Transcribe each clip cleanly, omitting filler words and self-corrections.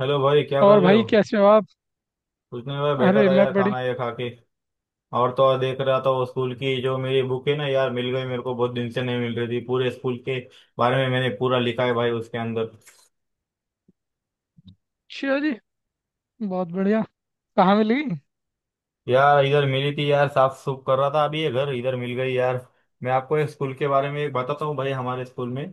Hello भाई, क्या कर और रहे हो। भाई कैसे हो आप। कुछ नहीं भाई, बैठा अरे था मैं यार, बड़ी खाना ये खा के। और तो और देख रहा था वो स्कूल की जो मेरी बुक है ना यार, मिल गई मेरे को, बहुत दिन से नहीं मिल रही थी। पूरे स्कूल के बारे में मैंने पूरा लिखा है भाई उसके अंदर। अच्छी हो जी। बहुत बढ़िया। कहाँ मिली। यार इधर मिली थी, यार साफ सुफ कर रहा था अभी ये घर, इधर मिल गई यार। मैं आपको एक स्कूल के बारे में एक बताता हूँ भाई, हमारे स्कूल में,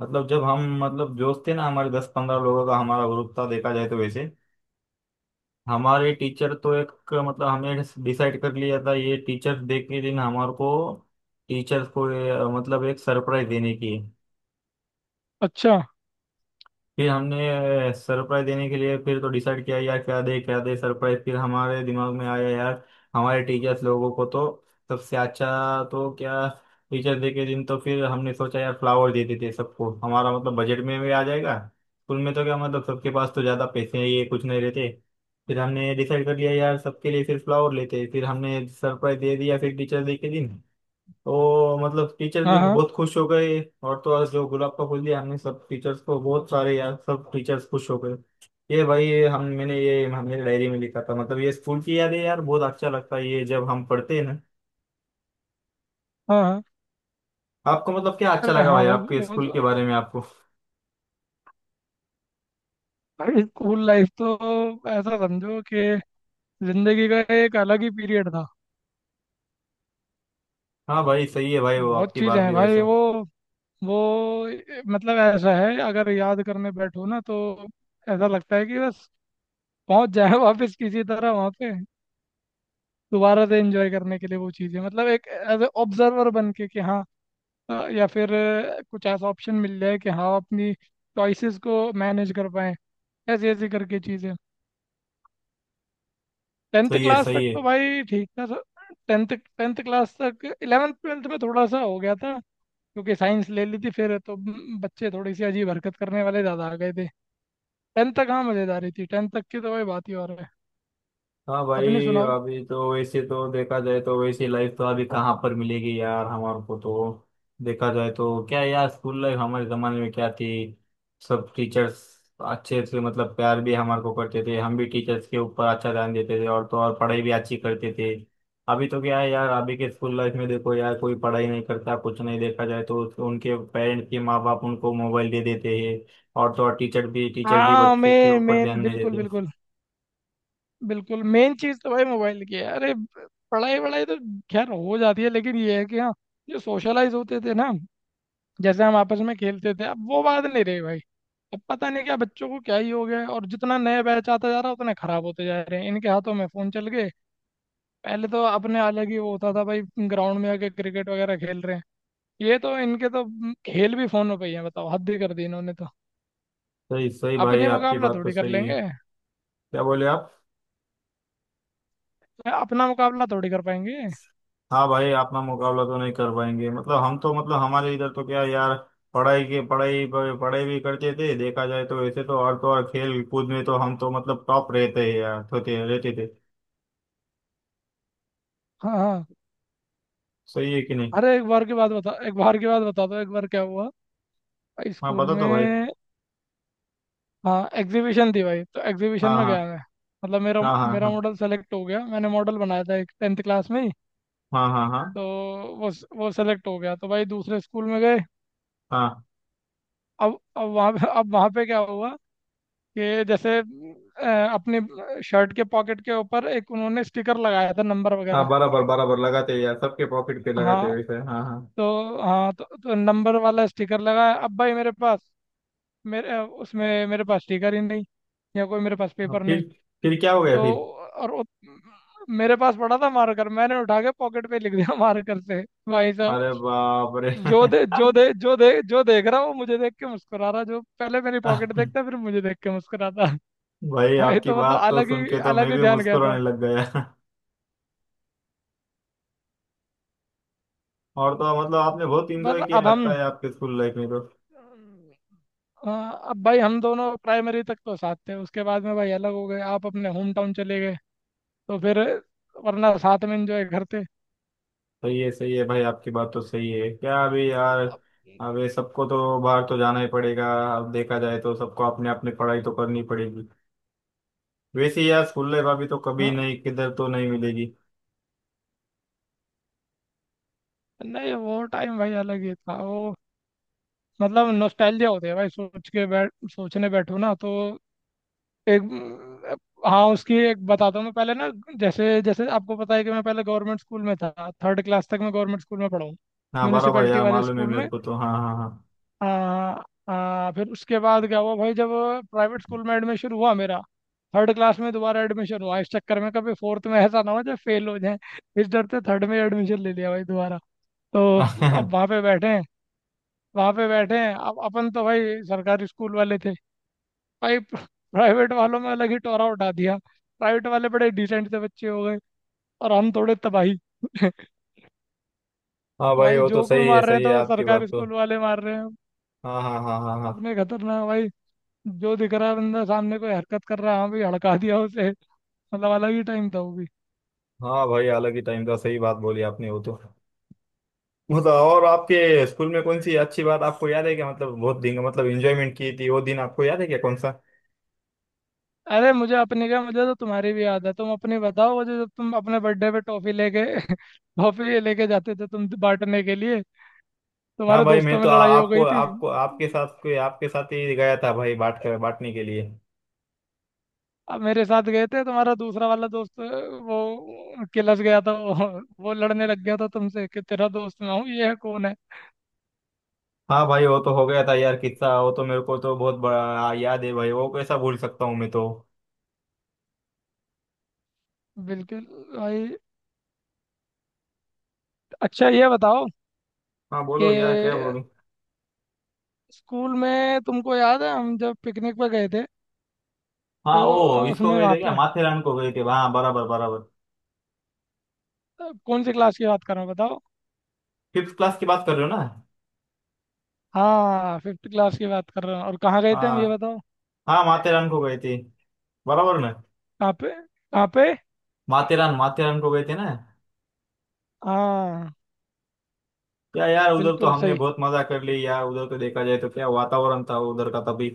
मतलब जब हम मतलब दोस्त थे ना, हमारे दस पंद्रह लोगों का हमारा ग्रुप था देखा जाए तो वैसे। हमारे टीचर तो एक, मतलब हमने डिसाइड कर लिया था ये टीचर्स डे के दिन हमारे को टीचर्स को मतलब एक सरप्राइज देने की है। अच्छा। फिर हमने सरप्राइज देने के लिए फिर तो डिसाइड किया यार, क्या दे सरप्राइज, फिर हमारे दिमाग में आया यार, हमारे टीचर्स लोगों को तो सबसे अच्छा तो क्या टीचर्स डे के दिन। तो फिर हमने सोचा यार फ्लावर दे देते हैं सबको, हमारा मतलब बजट में भी आ जाएगा। स्कूल में तो क्या मतलब सबके पास तो ज़्यादा पैसे ये कुछ नहीं रहते। फिर हमने डिसाइड कर लिया यार सबके लिए फिर फ्लावर लेते हैं। फिर हमने सरप्राइज दे दिया फिर टीचर्स डे के दिन। तो मतलब टीचर्स भी हाँ हाँ। बहुत खुश हो गए, और तो और जो गुलाब का फूल दिया हमने सब टीचर्स को बहुत सारे, यार सब टीचर्स खुश हो गए। ये भाई हम मैंने ये हमने डायरी में लिखा था, मतलब ये स्कूल की यादें यार, बहुत अच्छा लगता है ये जब हम पढ़ते हैं ना। हाँ हाँ। आपको मतलब क्या अच्छा अरे लगा हाँ भाई भाई वो आपके वो स्कूल तो के बारे में आपको। भाई स्कूल लाइफ तो ऐसा समझो कि जिंदगी का एक अलग ही पीरियड था। हाँ भाई सही है भाई, वो बहुत आपकी चीज़ें बात हैं भी भाई वैसा। वो मतलब ऐसा है अगर याद करने बैठो ना तो ऐसा लगता है कि बस पहुंच जाए वापस किसी तरह वहां पे दोबारा से एंजॉय करने के लिए वो चीज़ें मतलब एक एज ए ऑब्जर्वर बन के कि हाँ। या फिर कुछ ऐसा ऑप्शन मिल जाए कि हाँ अपनी चॉइसेस को मैनेज कर पाएं। ऐसे ऐसे करके चीज़ें। टेंथ सही है, क्लास तक सही है। तो भाई ठीक था टेंथ। टेंथ क्लास तक इलेवेंथ ट्वेल्थ में थोड़ा सा हो गया था क्योंकि साइंस ले ली थी। फिर तो बच्चे थोड़ी सी अजीब हरकत करने वाले ज़्यादा आ गए थे। टेंथ तक हाँ मज़ेदारी थी, टेंथ तक की तो भाई बात ही और है। हाँ भाई, अपने सुनाओ। अभी तो वैसे तो देखा जाए तो वैसी लाइफ तो अभी कहाँ पर मिलेगी यार हमारे को तो। देखा जाए तो क्या यार, स्कूल लाइफ हमारे जमाने में क्या थी। सब टीचर्स अच्छे से मतलब प्यार भी हमारे को करते थे, हम भी टीचर्स के ऊपर अच्छा ध्यान देते थे, और तो और पढ़ाई भी अच्छी करते थे। अभी तो क्या है यार, अभी के स्कूल लाइफ में देखो यार, कोई पढ़ाई नहीं करता, कुछ नहीं, देखा जाए तो उनके पेरेंट्स के माँ बाप उनको मोबाइल दे देते हैं। और तो और टीचर भी हाँ बच्चे के मेन ऊपर मेन ध्यान नहीं बिल्कुल देते। बिल्कुल। बिल्कुल मेन चीज़ तो भाई मोबाइल की है। अरे पढ़ाई वढ़ाई तो खैर हो जाती है, लेकिन ये है कि हाँ जो सोशलाइज होते थे ना, जैसे हम आपस में खेलते थे, अब वो बात नहीं रही भाई। अब पता नहीं क्या बच्चों को क्या ही हो गया है, और जितना नया बैच आता जा रहा है उतने खराब होते जा रहे हैं। इनके हाथों में फोन चल गए। पहले तो अपने अलग ही वो होता था भाई। ग्राउंड में आके क्रिकेट वगैरह खेल रहे हैं। ये तो इनके तो खेल भी फोनों पे ही है। बताओ हद ही कर दी इन्होंने तो। सही सही भाई, अपने आपकी मुकाबला बात तो थोड़ी कर सही है। लेंगे। क्या बोले आप। अपना मुकाबला थोड़ी कर पाएंगे। हाँ भाई, अपना मुकाबला तो नहीं कर पाएंगे, मतलब हम तो, मतलब हमारे इधर तो क्या यार, पढ़ाई पढ़ाई भी करते थे देखा जाए तो वैसे तो, और तो और खेल कूद में तो हम तो मतलब टॉप रहते हैं यार, होते रहते थे। हाँ हाँ। सही है कि नहीं। अरे एक बार की बात बता, एक बार की बात बता दो, एक बार क्या हुआ हाँ स्कूल बता तो भाई। में। हाँ एग्जीबिशन थी भाई, तो एग्जीबिशन हाँ में हाँ गया मैं। मतलब मेरा हाँ मेरा हाँ। मॉडल सेलेक्ट हो गया। मैंने मॉडल बनाया था एक टेंथ क्लास में ही। हाँ हाँ हाँ हाँ तो वो सेलेक्ट हो गया, तो भाई दूसरे स्कूल में गए। हाँ अब वहाँ पे, अब वहाँ पे क्या हुआ कि जैसे अपने शर्ट के पॉकेट के ऊपर एक उन्होंने स्टिकर लगाया था नंबर हाँ। वगैरह। बराबर बराबर लगाते हैं यार, सबके पॉकेट पे लगाते हैं हाँ वैसे, हाँ हाँ। तो हाँ तो नंबर वाला स्टिकर लगाया। अब भाई मेरे पास, उसमें मेरे पास स्टिकर ही नहीं, या कोई मेरे पास हाँ, पेपर फिर। नहीं। फिर क्या हो गया तो फिर। और वो मेरे पास पड़ा था मार्कर, मैंने उठा के पॉकेट पे लिख दिया मार्कर से। भाई साहब अरे बाप रे। जो दे जो देख रहा वो मुझे देख के मुस्कुरा रहा, जो पहले मेरी पॉकेट देखता फिर मुझे देख के मुस्कुराता। भाई भाई आपकी तो मतलब बात तो अलग सुन ही के तो अलग मैं ही भी ध्यान गया था। मुस्कुराने लग गया। और तो मतलब आपने बहुत इंजॉय बस किया अब हम, लगता है आपके स्कूल लाइफ में तो। अ, अब भाई हम दोनों प्राइमरी तक तो साथ थे, उसके बाद में भाई अलग हो गए, आप अपने होम टाउन चले गए। तो फिर वरना साथ में एंजॉय करते। सही है भाई, आपकी बात तो सही है। क्या अभी यार, अब- अभी सबको तो बाहर तो जाना ही पड़ेगा। अब देखा जाए तो सबको अपने अपने पढ़ाई तो करनी पड़ेगी। वैसे यार स्कूल लाइफ अभी तो कभी हाँ, नहीं, किधर तो नहीं मिलेगी। नहीं वो टाइम भाई अलग ही था वो। मतलब नॉस्टैल्जिया होती है भाई सोच के बैठ सोचने बैठो ना तो। एक, हाँ उसकी एक बताता हूँ मैं पहले ना। जैसे जैसे आपको पता है कि मैं पहले गवर्नमेंट स्कूल में था। थर्ड क्लास तक मैं गवर्नमेंट स्कूल में पढ़ा हूँ, हाँ बराबर म्यूनिसिपैलिटी यार, वाले मालूम है स्कूल मेरे में। को तो, हाँ हाँ। आ, आ, फिर उसके बाद क्या हुआ भाई जब प्राइवेट स्कूल में एडमिशन हुआ मेरा। थर्ड क्लास में दोबारा एडमिशन हुआ, इस चक्कर में कभी फोर्थ में ऐसा ना हो जाए फेल हो जाए, इस डर से थर्ड में एडमिशन ले लिया भाई दोबारा। तो अब हाँ। वहाँ पे बैठे हैं, वहाँ पे बैठे हैं। अब अपन तो भाई सरकारी स्कूल वाले थे। भाई प्राइवेट वालों में अलग ही टोरा उठा दिया। प्राइवेट वाले बड़े डिसेंट से बच्चे हो गए और हम थोड़े तबाही। हाँ भाई भाई वो तो जोक भी सही है, मार रहे हैं सही है तो आपकी सरकारी बात तो। स्कूल वाले मार रहे हैं। हाँ हाँ हाँ हाँ हाँ। अपने खतरनाक भाई। जो दिख रहा है बंदा सामने कोई हरकत कर रहा है, हाँ भाई हड़का दिया उसे। मतलब अलग ही टाइम था वो भी। हाँ भाई अलग ही टाइम था, सही बात बोली आपने वो तो। मतलब और आपके स्कूल में कौन सी अच्छी बात आपको याद है क्या, मतलब बहुत दिन मतलब एंजॉयमेंट की थी वो दिन आपको याद है क्या, कौन सा। अरे मुझे अपने क्या, मुझे तो तुम्हारी भी याद है। तुम अपनी बताओ मुझे, जब तुम अपने बर्थडे पे टॉफी लेके टॉफी लेके जाते थे तुम बांटने के लिए, हाँ तुम्हारे भाई मैं दोस्तों में तो लड़ाई हो आपको, गई थी। आपको, आपके साथ कोई आपके साथ ही गया था भाई बांट कर, बांटने के लिए। अब मेरे साथ गए थे तुम्हारा दूसरा वाला दोस्त, वो किलस गया था वो। वो लड़ने लग गया था तुमसे कि तेरा दोस्त मैं हूँ, ये है कौन है। हाँ भाई वो तो हो गया था यार किस्सा, वो तो मेरे को तो बहुत बड़ा याद है भाई, वो कैसा भूल सकता हूँ मैं तो। बिल्कुल। भाई अच्छा ये बताओ हाँ कि बोलो यार, क्या बोलूं। स्कूल में तुमको याद है हम जब पिकनिक पे गए थे, हाँ तो ओ, इसको उसमें गए वहाँ थे क्या, पे माथेरान को गए थे, हाँ बराबर बराबर। कौन सी क्लास की बात कर रहा हूँ बताओ। फिफ्थ क्लास की बात कर रहे हो ना। हाँ, फिफ्थ क्लास की बात कर रहा हूँ, और कहाँ गए थे हम ये हाँ बताओ। हाँ, माथेरान को गए थे। बराबर ना। कहाँ पे, कहाँ पे। माथेरान, माथेरान को गए थे ना। हाँ क्या यार, उधर तो बिल्कुल हमने सही। बहुत मजा कर ली यार, उधर तो देखा जाए तो क्या वातावरण था उधर का तभी।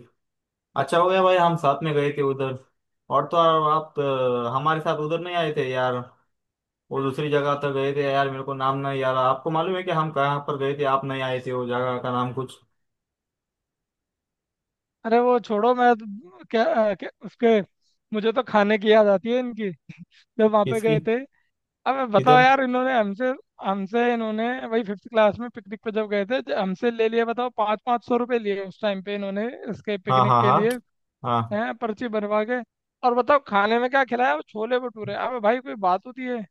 अच्छा हो गया भाई हम साथ में गए थे उधर। और तो और आप हमारे साथ उधर नहीं आए थे यार। वो दूसरी जगह तक गए थे यार, मेरे को नाम नहीं, यार आपको मालूम है कि हम कहाँ पर गए थे, आप नहीं आए थे, वो जगह का नाम कुछ। अरे वो छोड़ो मैं क्या उसके, मुझे तो खाने की याद आती है इनकी जब वहां पे किसकी। गए थे। अब बताओ किधर। यार इन्होंने हमसे हमसे इन्होंने वही फिफ्थ क्लास में पिकनिक पे जब गए थे हमसे ले लिए। बताओ 500-500 रुपए लिए उस टाइम पे इन्होंने इसके हाँ पिकनिक हाँ के हाँ। लिए, हाँ। हैं, पर्ची बनवा के। और बताओ खाने में क्या खिलाया, वो छोले भटूरे। अबे भाई कोई बात होती है।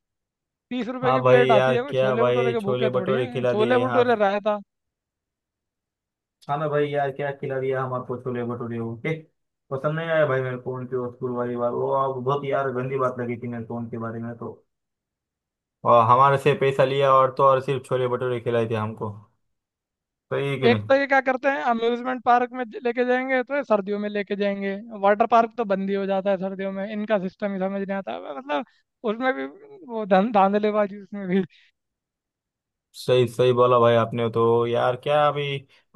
30 रुपए हाँ की भाई प्लेट यार, आती है, कोई क्या छोले भटूरे भाई के छोले भूखे थोड़ी भटूरे हैं। खिला छोले दिए, हाँ। भटूरे रायता। हाँ ना भाई यार, क्या खिला दिया हम आपको, छोले भटूरे, ओके। पसंद नहीं आया भाई मेरे को उनके वो स्कूल वाली बात, वो आप बहुत यार गंदी बात लगी थी मेरे को उनके बारे में तो। और हमारे से पैसा लिया और तो और सिर्फ छोले भटूरे खिलाए थे हमको। सही है कि एक नहीं। तो ये क्या करते हैं अम्यूजमेंट पार्क में लेके जाएंगे तो ये सर्दियों में लेके जाएंगे। वाटर पार्क तो बंद ही हो जाता है सर्दियों में। इनका सिस्टम ही समझ नहीं आता मैं मतलब। उसमें भी वो धांधलेबाजी उसमें भी। सही सही बोला भाई आपने तो, यार क्या अभी।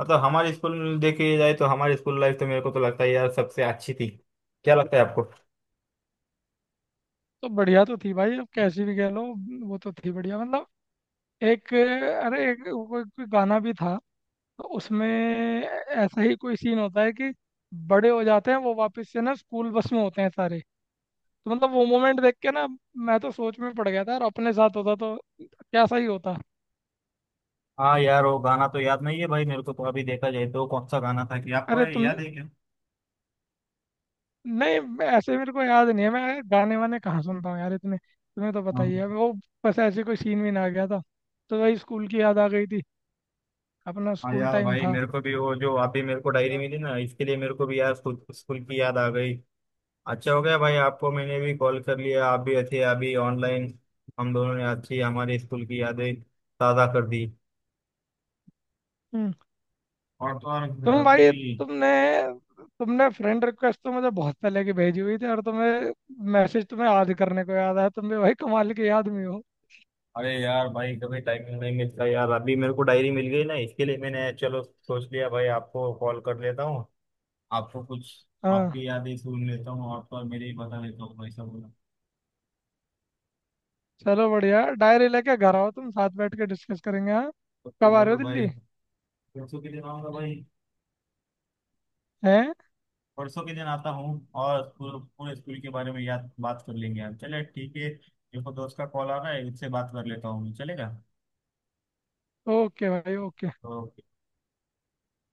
मतलब हमारे स्कूल में देखे जाए तो हमारी स्कूल लाइफ तो मेरे को तो लगता है यार सबसे अच्छी थी। क्या लगता है आपको। तो बढ़िया तो थी भाई, अब कैसी भी कह लो। वो तो थी बढ़िया मतलब। एक, अरे एक कोई कोई गाना भी था, तो उसमें ऐसा ही कोई सीन होता है कि बड़े हो जाते हैं वो वापस से ना स्कूल बस में होते हैं सारे। तो मतलब वो मोमेंट देख के ना मैं तो सोच में पड़ गया था और अपने साथ होता तो कैसा ही होता। हाँ यार, वो गाना तो याद नहीं है भाई मेरे को तो, अभी देखा जाए तो कौन सा गाना था, कि आपको अरे तुम, याद है क्या। नहीं ऐसे मेरे को याद नहीं है। मैं गाने वाने कहाँ सुनता हूँ यार इतने, तुम्हें तो पता ही है हाँ वो। बस ऐसे कोई सीन भी ना आ गया था, तो वही स्कूल की याद आ गई थी। अपना हाँ। स्कूल यार टाइम भाई था। मेरे को भी वो जो अभी मेरे को डायरी मिली ना इसके लिए, मेरे को भी यार स्कूल, स्कूल की याद आ गई। अच्छा हो गया भाई आपको मैंने भी कॉल कर लिया, आप भी अच्छे अभी ऑनलाइन। हम दोनों ने अच्छी हमारे स्कूल की यादें ताज़ा कर दी। हम्म, और तो और तुम अभी। भाई तुमने तुमने फ्रेंड रिक्वेस्ट तो मुझे बहुत पहले की भेजी हुई थी, और तुम्हें मैसेज तुम्हें याद करने को याद आया। तुम भी भाई कमाल के याद में हो। अरे यार भाई कभी टाइम नहीं मिलता यार, अभी मेरे को डायरी मिल गई ना इसके लिए मैंने चलो सोच लिया भाई आपको कॉल कर लेता हूँ। आपको कुछ, हाँ आपकी यादें सुन लेता हूँ और तो और मेरे ही बता लेता हूँ भाई सब। चलो बढ़िया, डायरी लेके घर आओ, तुम साथ बैठ के डिस्कस करेंगे। हाँ तो कब आ रहे जरूर हो भाई। दिल्ली। परसों के दिन आऊंगा भाई। हैं। परसों के दिन आता हूँ। और पूरे पूरे स्कूल के बारे में याद बात कर लेंगे हम। चले, ठीक है, देखो दोस्त का कॉल आ रहा है, इससे बात कर लेता हूँ, चलेगा। ओके भाई ओके। तो।